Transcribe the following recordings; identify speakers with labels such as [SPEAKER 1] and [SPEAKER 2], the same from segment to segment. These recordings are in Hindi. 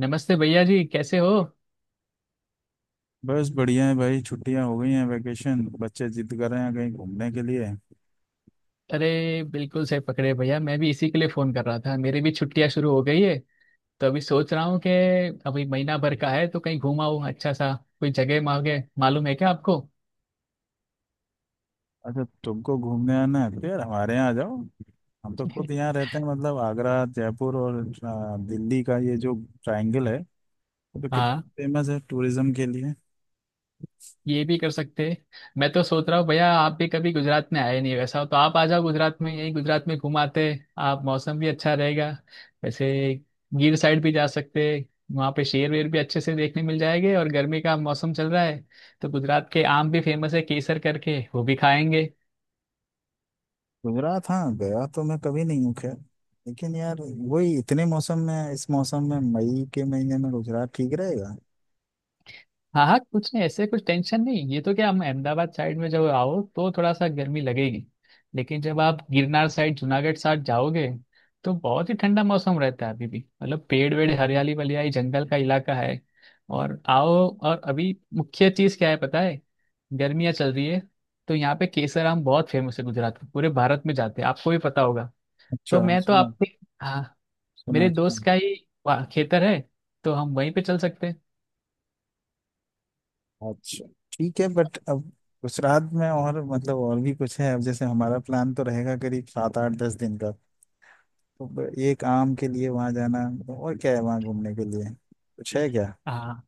[SPEAKER 1] नमस्ते भैया जी, कैसे हो?
[SPEAKER 2] बस बढ़िया है भाई। छुट्टियां हो गई हैं, वेकेशन। बच्चे जिद कर रहे हैं कहीं घूमने के लिए।
[SPEAKER 1] अरे बिल्कुल सही पकड़े भैया। मैं भी इसी के लिए फोन कर रहा था, मेरी भी छुट्टियां शुरू हो गई है। तो अभी सोच रहा हूँ कि अभी महीना भर का है तो कहीं घूम आऊँ। अच्छा सा कोई जगह मांगे मालूम है क्या आपको?
[SPEAKER 2] अच्छा, तुमको घूमने आना है तो यार हमारे यहाँ आ जाओ। हम तो खुद यहाँ रहते हैं, मतलब आगरा, जयपुर और दिल्ली का ये जो ट्रायंगल है, ये तो कितना
[SPEAKER 1] हाँ,
[SPEAKER 2] फेमस है टूरिज्म के लिए।
[SPEAKER 1] ये भी कर सकते हैं। मैं तो सोच रहा हूँ भैया, आप भी कभी गुजरात में आए नहीं। वैसा हो तो आप आ जाओ गुजरात में, यही गुजरात में घुमाते हैं। आप, मौसम भी अच्छा रहेगा। वैसे गिर साइड भी जा सकते हैं। वहाँ पे शेर वेर भी अच्छे से देखने मिल जाएंगे, और गर्मी का मौसम चल रहा है तो गुजरात के आम भी फेमस है, केसर करके, वो भी खाएंगे।
[SPEAKER 2] गुजरात हाँ, गया तो मैं कभी नहीं हूँ, खैर। लेकिन यार वही इतने मौसम में, इस मौसम में, मई के महीने में गुजरात ठीक रहेगा?
[SPEAKER 1] हाँ हाँ, कुछ नहीं, ऐसे कुछ टेंशन नहीं। ये तो क्या, हम अहमदाबाद साइड में जब आओ तो थोड़ा सा गर्मी लगेगी। लेकिन जब आप गिरनार साइड, जूनागढ़ साइड जाओगे तो बहुत ही ठंडा मौसम रहता है अभी भी, मतलब पेड़ वेड़, हरियाली वलियाली, जंगल का इलाका है। और आओ। और अभी मुख्य चीज़ क्या है पता है? गर्मियाँ चल रही है, तो यहाँ पे केसर आम बहुत फेमस है गुजरात में, पूरे भारत में जाते हैं, आपको भी पता होगा।
[SPEAKER 2] अच्छा।
[SPEAKER 1] तो मैं तो
[SPEAKER 2] सुना।
[SPEAKER 1] आप, हाँ,
[SPEAKER 2] सुना
[SPEAKER 1] मेरे
[SPEAKER 2] है, सुना।
[SPEAKER 1] दोस्त का ही वहाँ खेतर है, तो हम वहीं पे चल सकते हैं।
[SPEAKER 2] अच्छा, ठीक है बट अब उस रात में और मतलब और भी कुछ है? अब जैसे हमारा प्लान तो रहेगा करीब सात आठ दस दिन का, तो एक आम के लिए वहां जाना? और क्या है वहां घूमने के लिए, कुछ है क्या?
[SPEAKER 1] हाँ,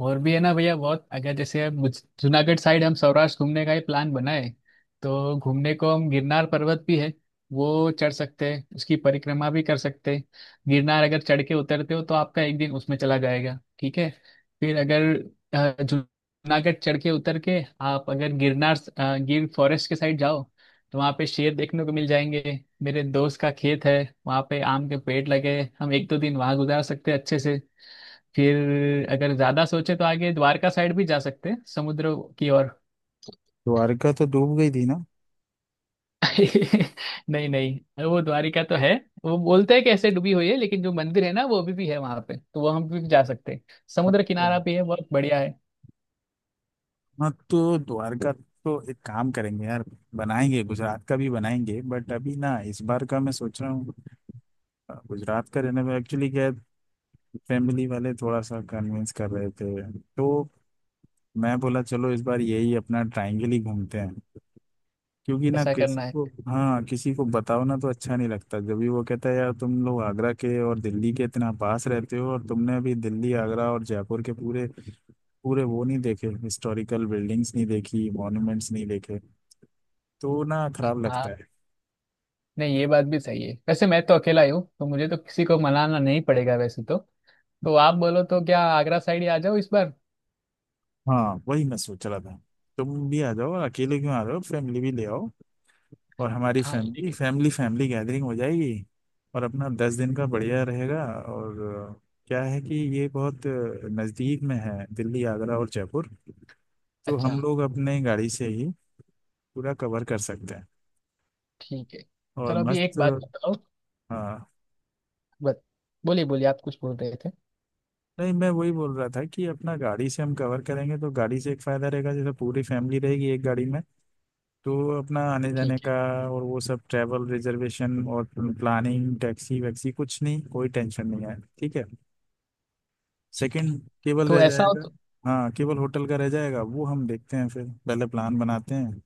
[SPEAKER 1] और भी है ना भैया बहुत। अगर जैसे अब जूनागढ़ साइड हम सौराष्ट्र घूमने का ही प्लान बनाए, तो घूमने को हम, गिरनार पर्वत भी है, वो चढ़ सकते हैं, उसकी परिक्रमा भी कर सकते हैं। गिरनार अगर चढ़ के उतरते हो तो आपका एक दिन उसमें चला जाएगा, ठीक है। फिर अगर जूनागढ़ चढ़ के उतर के, आप अगर गिरनार गिर फॉरेस्ट के साइड जाओ, तो वहाँ पे शेर देखने को मिल जाएंगे। मेरे दोस्त का खेत है, वहाँ पे आम के पेड़ लगे हैं, हम एक दो दिन वहाँ गुजार सकते हैं अच्छे से। फिर अगर ज्यादा सोचे तो आगे द्वारका साइड भी जा सकते हैं, समुद्र की ओर।
[SPEAKER 2] द्वारका तो डूब गई थी ना।
[SPEAKER 1] नहीं नहीं, वो द्वारिका तो है। वो बोलते हैं कि ऐसे डूबी हुई है लेकिन जो मंदिर है ना वो अभी भी है वहां पे, तो वो हम भी जा सकते हैं। समुद्र
[SPEAKER 2] अच्छा।
[SPEAKER 1] किनारा भी है, बहुत बढ़िया है।
[SPEAKER 2] हाँ तो द्वारका, तो एक काम करेंगे यार, बनाएंगे गुजरात का भी बनाएंगे बट अभी ना इस बार का मैं सोच रहा हूँ। गुजरात का रहने में एक्चुअली क्या है, फैमिली वाले थोड़ा सा कन्विंस कर रहे थे तो मैं बोला चलो इस बार यही अपना ट्रायंगल ही घूमते हैं। क्योंकि ना,
[SPEAKER 1] ऐसा
[SPEAKER 2] किसी
[SPEAKER 1] करना है।
[SPEAKER 2] को हाँ किसी को बताओ ना तो अच्छा नहीं लगता। जब भी वो कहता है यार तुम लोग आगरा के और दिल्ली के इतना पास रहते हो, और तुमने अभी दिल्ली आगरा और जयपुर के पूरे पूरे वो नहीं देखे, हिस्टोरिकल बिल्डिंग्स नहीं देखी, मॉन्यूमेंट्स नहीं देखे, तो ना खराब लगता
[SPEAKER 1] हाँ,
[SPEAKER 2] है।
[SPEAKER 1] नहीं ये बात भी सही है, वैसे मैं तो अकेला ही हूँ तो मुझे तो किसी को मनाना नहीं पड़ेगा वैसे तो। तो आप बोलो तो क्या आगरा साइड ही आ जाओ इस बार?
[SPEAKER 2] हाँ, वही मैं सोच रहा था। तुम भी आ जाओ, और अकेले क्यों आ रहे हो? फैमिली भी ले आओ, और हमारी
[SPEAKER 1] हाँ ठीक
[SPEAKER 2] फैमिली
[SPEAKER 1] है।
[SPEAKER 2] फैमिली फैमिली गैदरिंग हो जाएगी। और अपना 10 दिन का बढ़िया रहेगा। और अ, क्या है कि ये बहुत नज़दीक में है दिल्ली आगरा और जयपुर, तो
[SPEAKER 1] अच्छा,
[SPEAKER 2] हम लोग अपने गाड़ी से ही पूरा कवर कर सकते हैं।
[SPEAKER 1] ठीक है,
[SPEAKER 2] और
[SPEAKER 1] चलो अभी एक
[SPEAKER 2] मस्त।
[SPEAKER 1] बात बताओ।
[SPEAKER 2] हाँ।
[SPEAKER 1] बत, बोलिए बोलिए, आप कुछ बोल रहे थे।
[SPEAKER 2] नहीं, मैं वही बोल रहा था कि अपना गाड़ी से हम कवर करेंगे, तो गाड़ी से एक फ़ायदा रहेगा, जैसे पूरी फैमिली रहेगी एक गाड़ी में, तो अपना आने जाने
[SPEAKER 1] ठीक है,
[SPEAKER 2] का और वो सब ट्रैवल रिजर्वेशन और प्लानिंग, टैक्सी वैक्सी कुछ नहीं, कोई टेंशन नहीं है। ठीक है,
[SPEAKER 1] ठीक है,
[SPEAKER 2] सेकंड केवल
[SPEAKER 1] तो
[SPEAKER 2] रह
[SPEAKER 1] ऐसा हो
[SPEAKER 2] जाएगा।
[SPEAKER 1] तो
[SPEAKER 2] हाँ, केवल होटल का रह जाएगा, वो हम देखते हैं, फिर पहले प्लान बनाते हैं।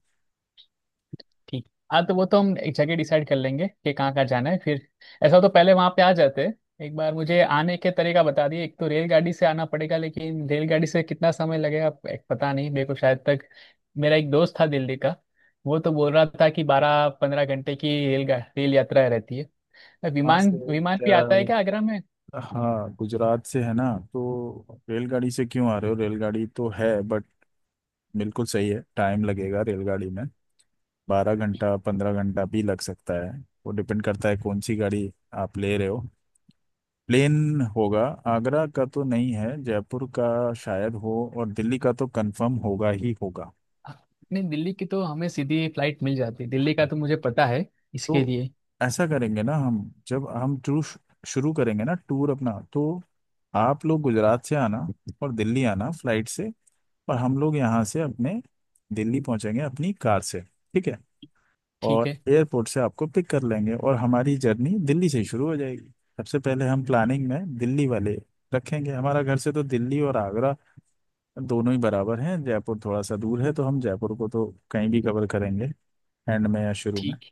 [SPEAKER 1] ठीक। हाँ, तो वो तो हम एक जगह डिसाइड कर लेंगे कि कहाँ कहाँ जाना है, फिर ऐसा हो तो पहले वहाँ पे आ जाते हैं। एक बार मुझे आने के तरीका बता दिए। एक तो रेलगाड़ी से आना पड़ेगा, लेकिन रेलगाड़ी से कितना समय लगेगा? एक पता नहीं मेरे को, शायद तक। मेरा एक दोस्त था दिल्ली का, वो तो बोल रहा था कि 12-15 घंटे की रेल रेल यात्रा रहती है।
[SPEAKER 2] वहाँ
[SPEAKER 1] विमान,
[SPEAKER 2] से
[SPEAKER 1] विमान भी आता है क्या आगरा में?
[SPEAKER 2] हाँ, गुजरात से है ना। तो रेलगाड़ी से क्यों आ रहे हो? रेलगाड़ी तो है बट बिल्कुल सही है, टाइम लगेगा रेलगाड़ी में। 12 घंटा 15 घंटा भी लग सकता है। वो डिपेंड करता है कौन सी गाड़ी आप ले रहे हो। प्लेन होगा, आगरा का तो नहीं है, जयपुर का शायद हो, और दिल्ली का तो कंफर्म होगा ही होगा।
[SPEAKER 1] नहीं, दिल्ली की तो हमें सीधी फ्लाइट मिल जाती है, दिल्ली का तो मुझे पता है इसके
[SPEAKER 2] तो
[SPEAKER 1] लिए।
[SPEAKER 2] ऐसा करेंगे ना हम, जब हम टूर शुरू करेंगे ना, टूर अपना, तो आप लोग गुजरात से आना और दिल्ली आना फ्लाइट से, और हम लोग यहाँ से अपने दिल्ली पहुंचेंगे अपनी कार से। ठीक है,
[SPEAKER 1] ठीक
[SPEAKER 2] और
[SPEAKER 1] है।
[SPEAKER 2] एयरपोर्ट से आपको पिक कर लेंगे और हमारी जर्नी दिल्ली से ही शुरू हो जाएगी। सबसे पहले हम प्लानिंग में दिल्ली वाले रखेंगे, हमारा घर से तो दिल्ली और आगरा दोनों ही बराबर हैं। जयपुर थोड़ा सा दूर है, तो हम जयपुर को तो कहीं भी कवर करेंगे, एंड में या शुरू में।
[SPEAKER 1] ठीक।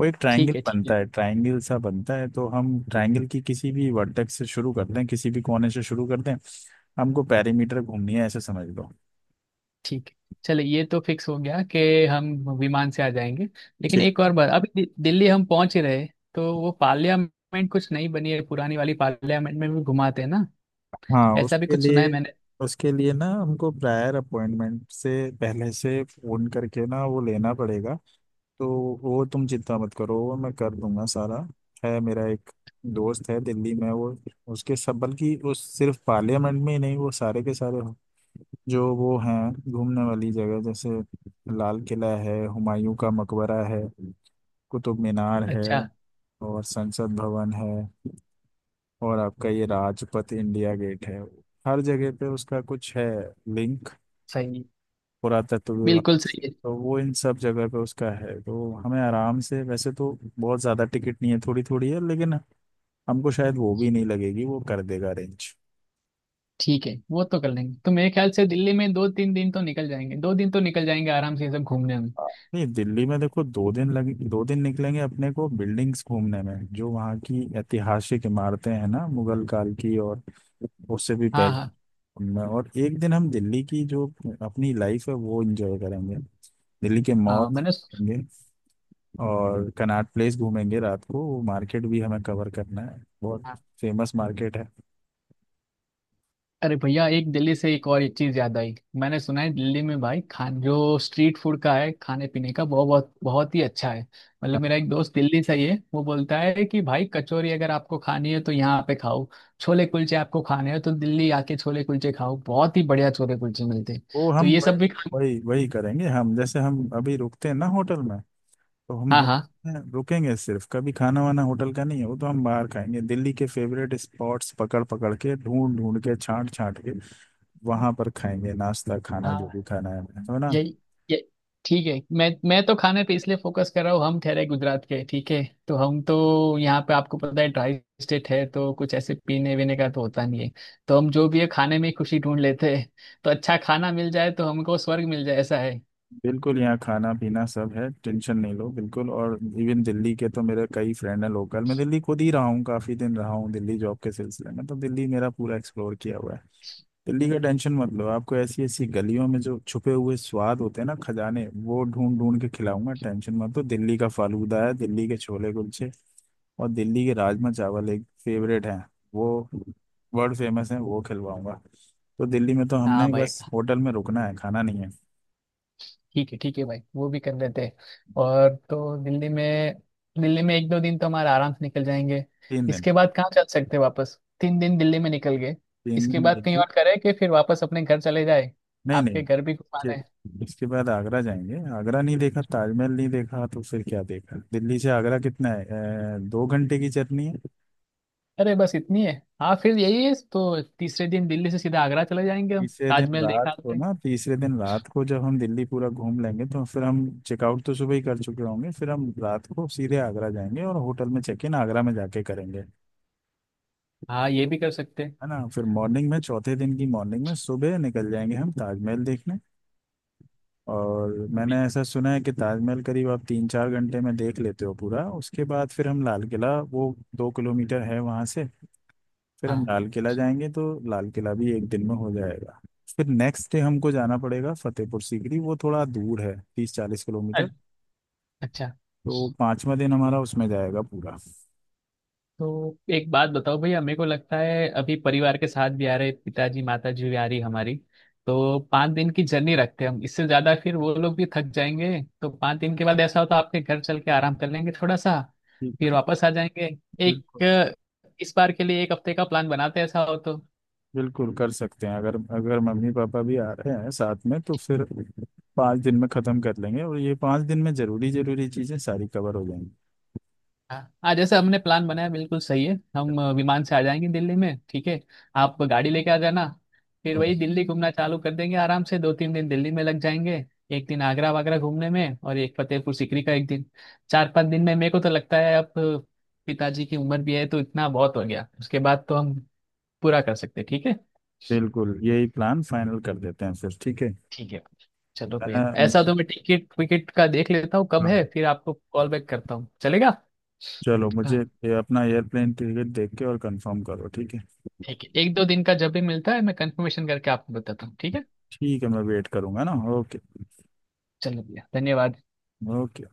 [SPEAKER 2] वो एक ट्रायंगल
[SPEAKER 1] ठीक है। ठीक है।
[SPEAKER 2] बनता है, ट्रायंगल सा बनता है, तो हम ट्रायंगल की किसी भी वर्टेक्स से शुरू करते हैं, किसी भी कोने से शुरू करते हैं। हमको पैरीमीटर घूमनी है, ऐसे समझ लो।
[SPEAKER 1] ठीक है। चलिए, ये तो फिक्स हो गया कि हम विमान से आ जाएंगे। लेकिन एक और बात, अभी दिल्ली हम पहुंच ही रहे, तो वो पार्लियामेंट कुछ नई बनी है, पुरानी वाली पार्लियामेंट में भी घुमाते हैं ना,
[SPEAKER 2] हाँ,
[SPEAKER 1] ऐसा भी
[SPEAKER 2] उसके
[SPEAKER 1] कुछ सुना
[SPEAKER 2] लिए,
[SPEAKER 1] है मैंने।
[SPEAKER 2] उसके लिए ना हमको प्रायर अपॉइंटमेंट से, पहले से फोन करके ना वो लेना पड़ेगा। तो वो तुम चिंता मत करो, वो मैं कर दूंगा सारा। है मेरा एक दोस्त है दिल्ली में, वो उसके सब, बल्कि उस सिर्फ पार्लियामेंट में ही नहीं, वो सारे के सारे जो वो हैं घूमने वाली जगह, जैसे लाल किला है, हुमायूं का मकबरा है, कुतुब मीनार है,
[SPEAKER 1] अच्छा।
[SPEAKER 2] और संसद भवन है, और आपका ये राजपथ इंडिया गेट है, हर जगह पे उसका कुछ है लिंक
[SPEAKER 1] सही है,
[SPEAKER 2] पुरातत्व विभाग
[SPEAKER 1] बिल्कुल सही
[SPEAKER 2] से
[SPEAKER 1] है।
[SPEAKER 2] तो वो इन सब जगह पे उसका है तो हमें आराम से वैसे तो बहुत ज़्यादा टिकट नहीं है, थोड़ी थोड़ी है, लेकिन हमको शायद वो भी नहीं लगेगी, वो कर देगा अरेंज।
[SPEAKER 1] ठीक है, वो तो कर लेंगे। तो मेरे ख्याल से दिल्ली में दो तीन दिन तो निकल जाएंगे, दो दिन तो निकल जाएंगे आराम से ये सब घूमने में।
[SPEAKER 2] नहीं, दिल्ली में देखो 2 दिन लगे, 2 दिन निकलेंगे अपने को बिल्डिंग्स घूमने में जो वहाँ की ऐतिहासिक इमारतें हैं ना, मुगल काल की और उससे भी
[SPEAKER 1] हाँ
[SPEAKER 2] पहले।
[SPEAKER 1] हाँ
[SPEAKER 2] उनमें और एक दिन हम दिल्ली की जो अपनी लाइफ है वो एंजॉय करेंगे। दिल्ली के मॉल
[SPEAKER 1] हाँ, मैंने...
[SPEAKER 2] घूमेंगे और कनॉट प्लेस घूमेंगे रात को। वो मार्केट भी हमें कवर करना है, बहुत फेमस मार्केट है।
[SPEAKER 1] अरे भैया, एक दिल्ली से एक और एक चीज याद आई। मैंने सुना है दिल्ली में भाई खान जो स्ट्रीट फूड का है, खाने पीने का बहुत बहुत बहुत ही अच्छा है। मतलब मेरा
[SPEAKER 2] हाँ,
[SPEAKER 1] एक दोस्त दिल्ली से ही है, वो बोलता है कि भाई कचौरी अगर आपको खानी है तो यहाँ पे खाओ। छोले कुलचे आपको खाने हैं तो दिल्ली आके छोले कुलचे खाओ, बहुत ही बढ़िया छोले कुलचे मिलते हैं।
[SPEAKER 2] वो
[SPEAKER 1] तो
[SPEAKER 2] हम
[SPEAKER 1] ये सब
[SPEAKER 2] वही
[SPEAKER 1] भी
[SPEAKER 2] वही वही करेंगे हम। जैसे हम अभी रुकते हैं ना होटल में, तो हम
[SPEAKER 1] हाँ हाँ
[SPEAKER 2] होटल में रुकेंगे सिर्फ, कभी खाना वाना होटल का नहीं है, वो तो हम बाहर खाएंगे, दिल्ली के फेवरेट स्पॉट्स पकड़ पकड़ के, ढूंढ ढूंढ के, छांट छांट के वहां पर खाएंगे, नाश्ता खाना जो
[SPEAKER 1] हाँ,
[SPEAKER 2] भी खाना है ना।
[SPEAKER 1] यही, ये ठीक है। मैं तो खाने पे इसलिए फोकस कर रहा हूँ, हम ठहरे गुजरात के, ठीक है। तो हम तो यहाँ पे, आपको पता है ड्राई स्टेट है, तो कुछ ऐसे पीने वीने का तो होता नहीं है। तो हम जो भी है खाने में ही खुशी ढूंढ लेते हैं, तो अच्छा खाना मिल जाए तो हमको स्वर्ग मिल जाए, ऐसा है।
[SPEAKER 2] बिल्कुल, यहाँ खाना पीना सब है, टेंशन नहीं लो बिल्कुल। और इवन दिल्ली के तो मेरे कई फ्रेंड हैं लोकल, मैं दिल्ली खुद ही रहा हूँ काफी दिन, रहा हूँ दिल्ली जॉब के सिलसिले में, तो दिल्ली मेरा पूरा एक्सप्लोर किया हुआ है। दिल्ली
[SPEAKER 1] हम्म,
[SPEAKER 2] का टेंशन मत लो, आपको ऐसी ऐसी गलियों में जो छुपे हुए स्वाद होते हैं ना खजाने, वो ढूंढ ढूंढ के खिलाऊंगा, टेंशन मत लो। दिल्ली का फालूदा है, दिल्ली के छोले कुलचे, और दिल्ली के राजमा चावल एक फेवरेट है, वो वर्ल्ड फेमस है, वो खिलवाऊंगा। तो दिल्ली में तो
[SPEAKER 1] हाँ
[SPEAKER 2] हमने
[SPEAKER 1] भाई,
[SPEAKER 2] बस होटल में रुकना है, खाना नहीं है।
[SPEAKER 1] ठीक है, ठीक है भाई, वो भी कर लेते हैं। और तो दिल्ली में, दिल्ली में एक दो दिन तो हमारे आराम से निकल जाएंगे।
[SPEAKER 2] 3 दिन।
[SPEAKER 1] इसके बाद कहाँ चल सकते हैं? वापस, 3 दिन दिल्ली में निकल गए,
[SPEAKER 2] तीन
[SPEAKER 1] इसके
[SPEAKER 2] दिन
[SPEAKER 1] बाद कहीं
[SPEAKER 2] दिल्ली।
[SPEAKER 1] और करें कि फिर वापस अपने घर चले जाए?
[SPEAKER 2] नहीं नहीं,
[SPEAKER 1] आपके घर भी घुमाना है।
[SPEAKER 2] कि- इसके बाद आगरा जाएंगे। आगरा नहीं देखा, ताजमहल नहीं देखा, तो फिर क्या देखा? दिल्ली से आगरा कितना है? 2 घंटे की जर्नी है।
[SPEAKER 1] अरे बस इतनी है? हाँ फिर यही है, तो तीसरे दिन दिल्ली से सीधा आगरा चले जाएंगे हम।
[SPEAKER 2] तीसरे दिन
[SPEAKER 1] ताजमहल
[SPEAKER 2] रात
[SPEAKER 1] देखा
[SPEAKER 2] को
[SPEAKER 1] आपने?
[SPEAKER 2] ना, तीसरे दिन रात को जब हम दिल्ली पूरा घूम लेंगे तो फिर हम चेकआउट तो सुबह ही कर चुके होंगे, फिर हम रात को सीधे आगरा जाएंगे और होटल में चेक इन आगरा में जाके करेंगे,
[SPEAKER 1] हाँ, ये भी कर सकते हैं।
[SPEAKER 2] है ना। फिर मॉर्निंग में, चौथे दिन की मॉर्निंग में सुबह निकल जाएंगे हम ताजमहल देखने। और मैंने ऐसा सुना है कि ताजमहल करीब आप 3-4 घंटे में देख लेते हो पूरा, उसके बाद फिर हम लाल किला, वो 2 किलोमीटर है वहाँ से, फिर हम
[SPEAKER 1] हाँ
[SPEAKER 2] लाल किला जाएंगे। तो लाल किला भी एक दिन में हो जाएगा। फिर नेक्स्ट डे हमको जाना पड़ेगा फतेहपुर सीकरी, वो थोड़ा दूर है, तीस चालीस
[SPEAKER 1] अ-
[SPEAKER 2] किलोमीटर
[SPEAKER 1] अच्छा,
[SPEAKER 2] तो पांचवा दिन हमारा उसमें जाएगा पूरा।
[SPEAKER 1] तो एक बात बताओ भैया, मेरे को लगता है अभी परिवार के साथ भी आ रहे, पिताजी माताजी भी आ रही हमारी। तो 5 दिन की जर्नी रखते हैं हम, इससे ज्यादा फिर वो लोग भी थक जाएंगे, तो पाँच दिन के बाद ऐसा हो तो आपके घर चल के आराम कर लेंगे थोड़ा सा। फिर
[SPEAKER 2] ठीक।
[SPEAKER 1] वापस आ जाएंगे। एक
[SPEAKER 2] बिल्कुल।
[SPEAKER 1] इस बार के लिए एक हफ्ते का प्लान बनाते हैं, ऐसा हो तो।
[SPEAKER 2] बिल्कुल कर सकते हैं, अगर अगर मम्मी पापा भी आ रहे हैं साथ में, तो फिर 5 दिन में ख़त्म कर लेंगे, और ये 5 दिन में ज़रूरी ज़रूरी चीज़ें सारी कवर हो
[SPEAKER 1] हाँ हाँ, जैसे हमने प्लान बनाया बिल्कुल सही है। हम
[SPEAKER 2] जाएंगी।
[SPEAKER 1] विमान से आ जाएंगे दिल्ली में, ठीक है। आप गाड़ी लेके आ जाना, फिर वही दिल्ली घूमना चालू कर देंगे, आराम से दो तीन दिन दिल्ली में लग जाएंगे। एक दिन आगरा वागरा घूमने में, और एक फतेहपुर सीकरी का एक दिन। चार पांच दिन में मेरे को तो लगता है, अब पिताजी की उम्र भी है तो इतना बहुत हो गया, उसके बाद तो हम पूरा कर सकते हैं, ठीक है।
[SPEAKER 2] बिल्कुल, यही प्लान फाइनल कर देते हैं फिर। ठीक है
[SPEAKER 1] ठीक है, चलो भैया ऐसा
[SPEAKER 2] मैं।
[SPEAKER 1] तो, मैं टिकट विकेट का देख लेता हूँ कब है,
[SPEAKER 2] हाँ,
[SPEAKER 1] फिर आपको कॉल बैक करता हूँ, चलेगा?
[SPEAKER 2] चलो, मुझे ये अपना एयरप्लेन टिकट देख के और कंफर्म करो। ठीक है।
[SPEAKER 1] ठीक है, एक दो दिन का जब भी मिलता है, मैं कंफर्मेशन करके आपको बताता हूँ, ठीक है।
[SPEAKER 2] ठीक है, मैं वेट करूँगा ना। ओके।
[SPEAKER 1] चलो भैया, धन्यवाद।
[SPEAKER 2] ओके।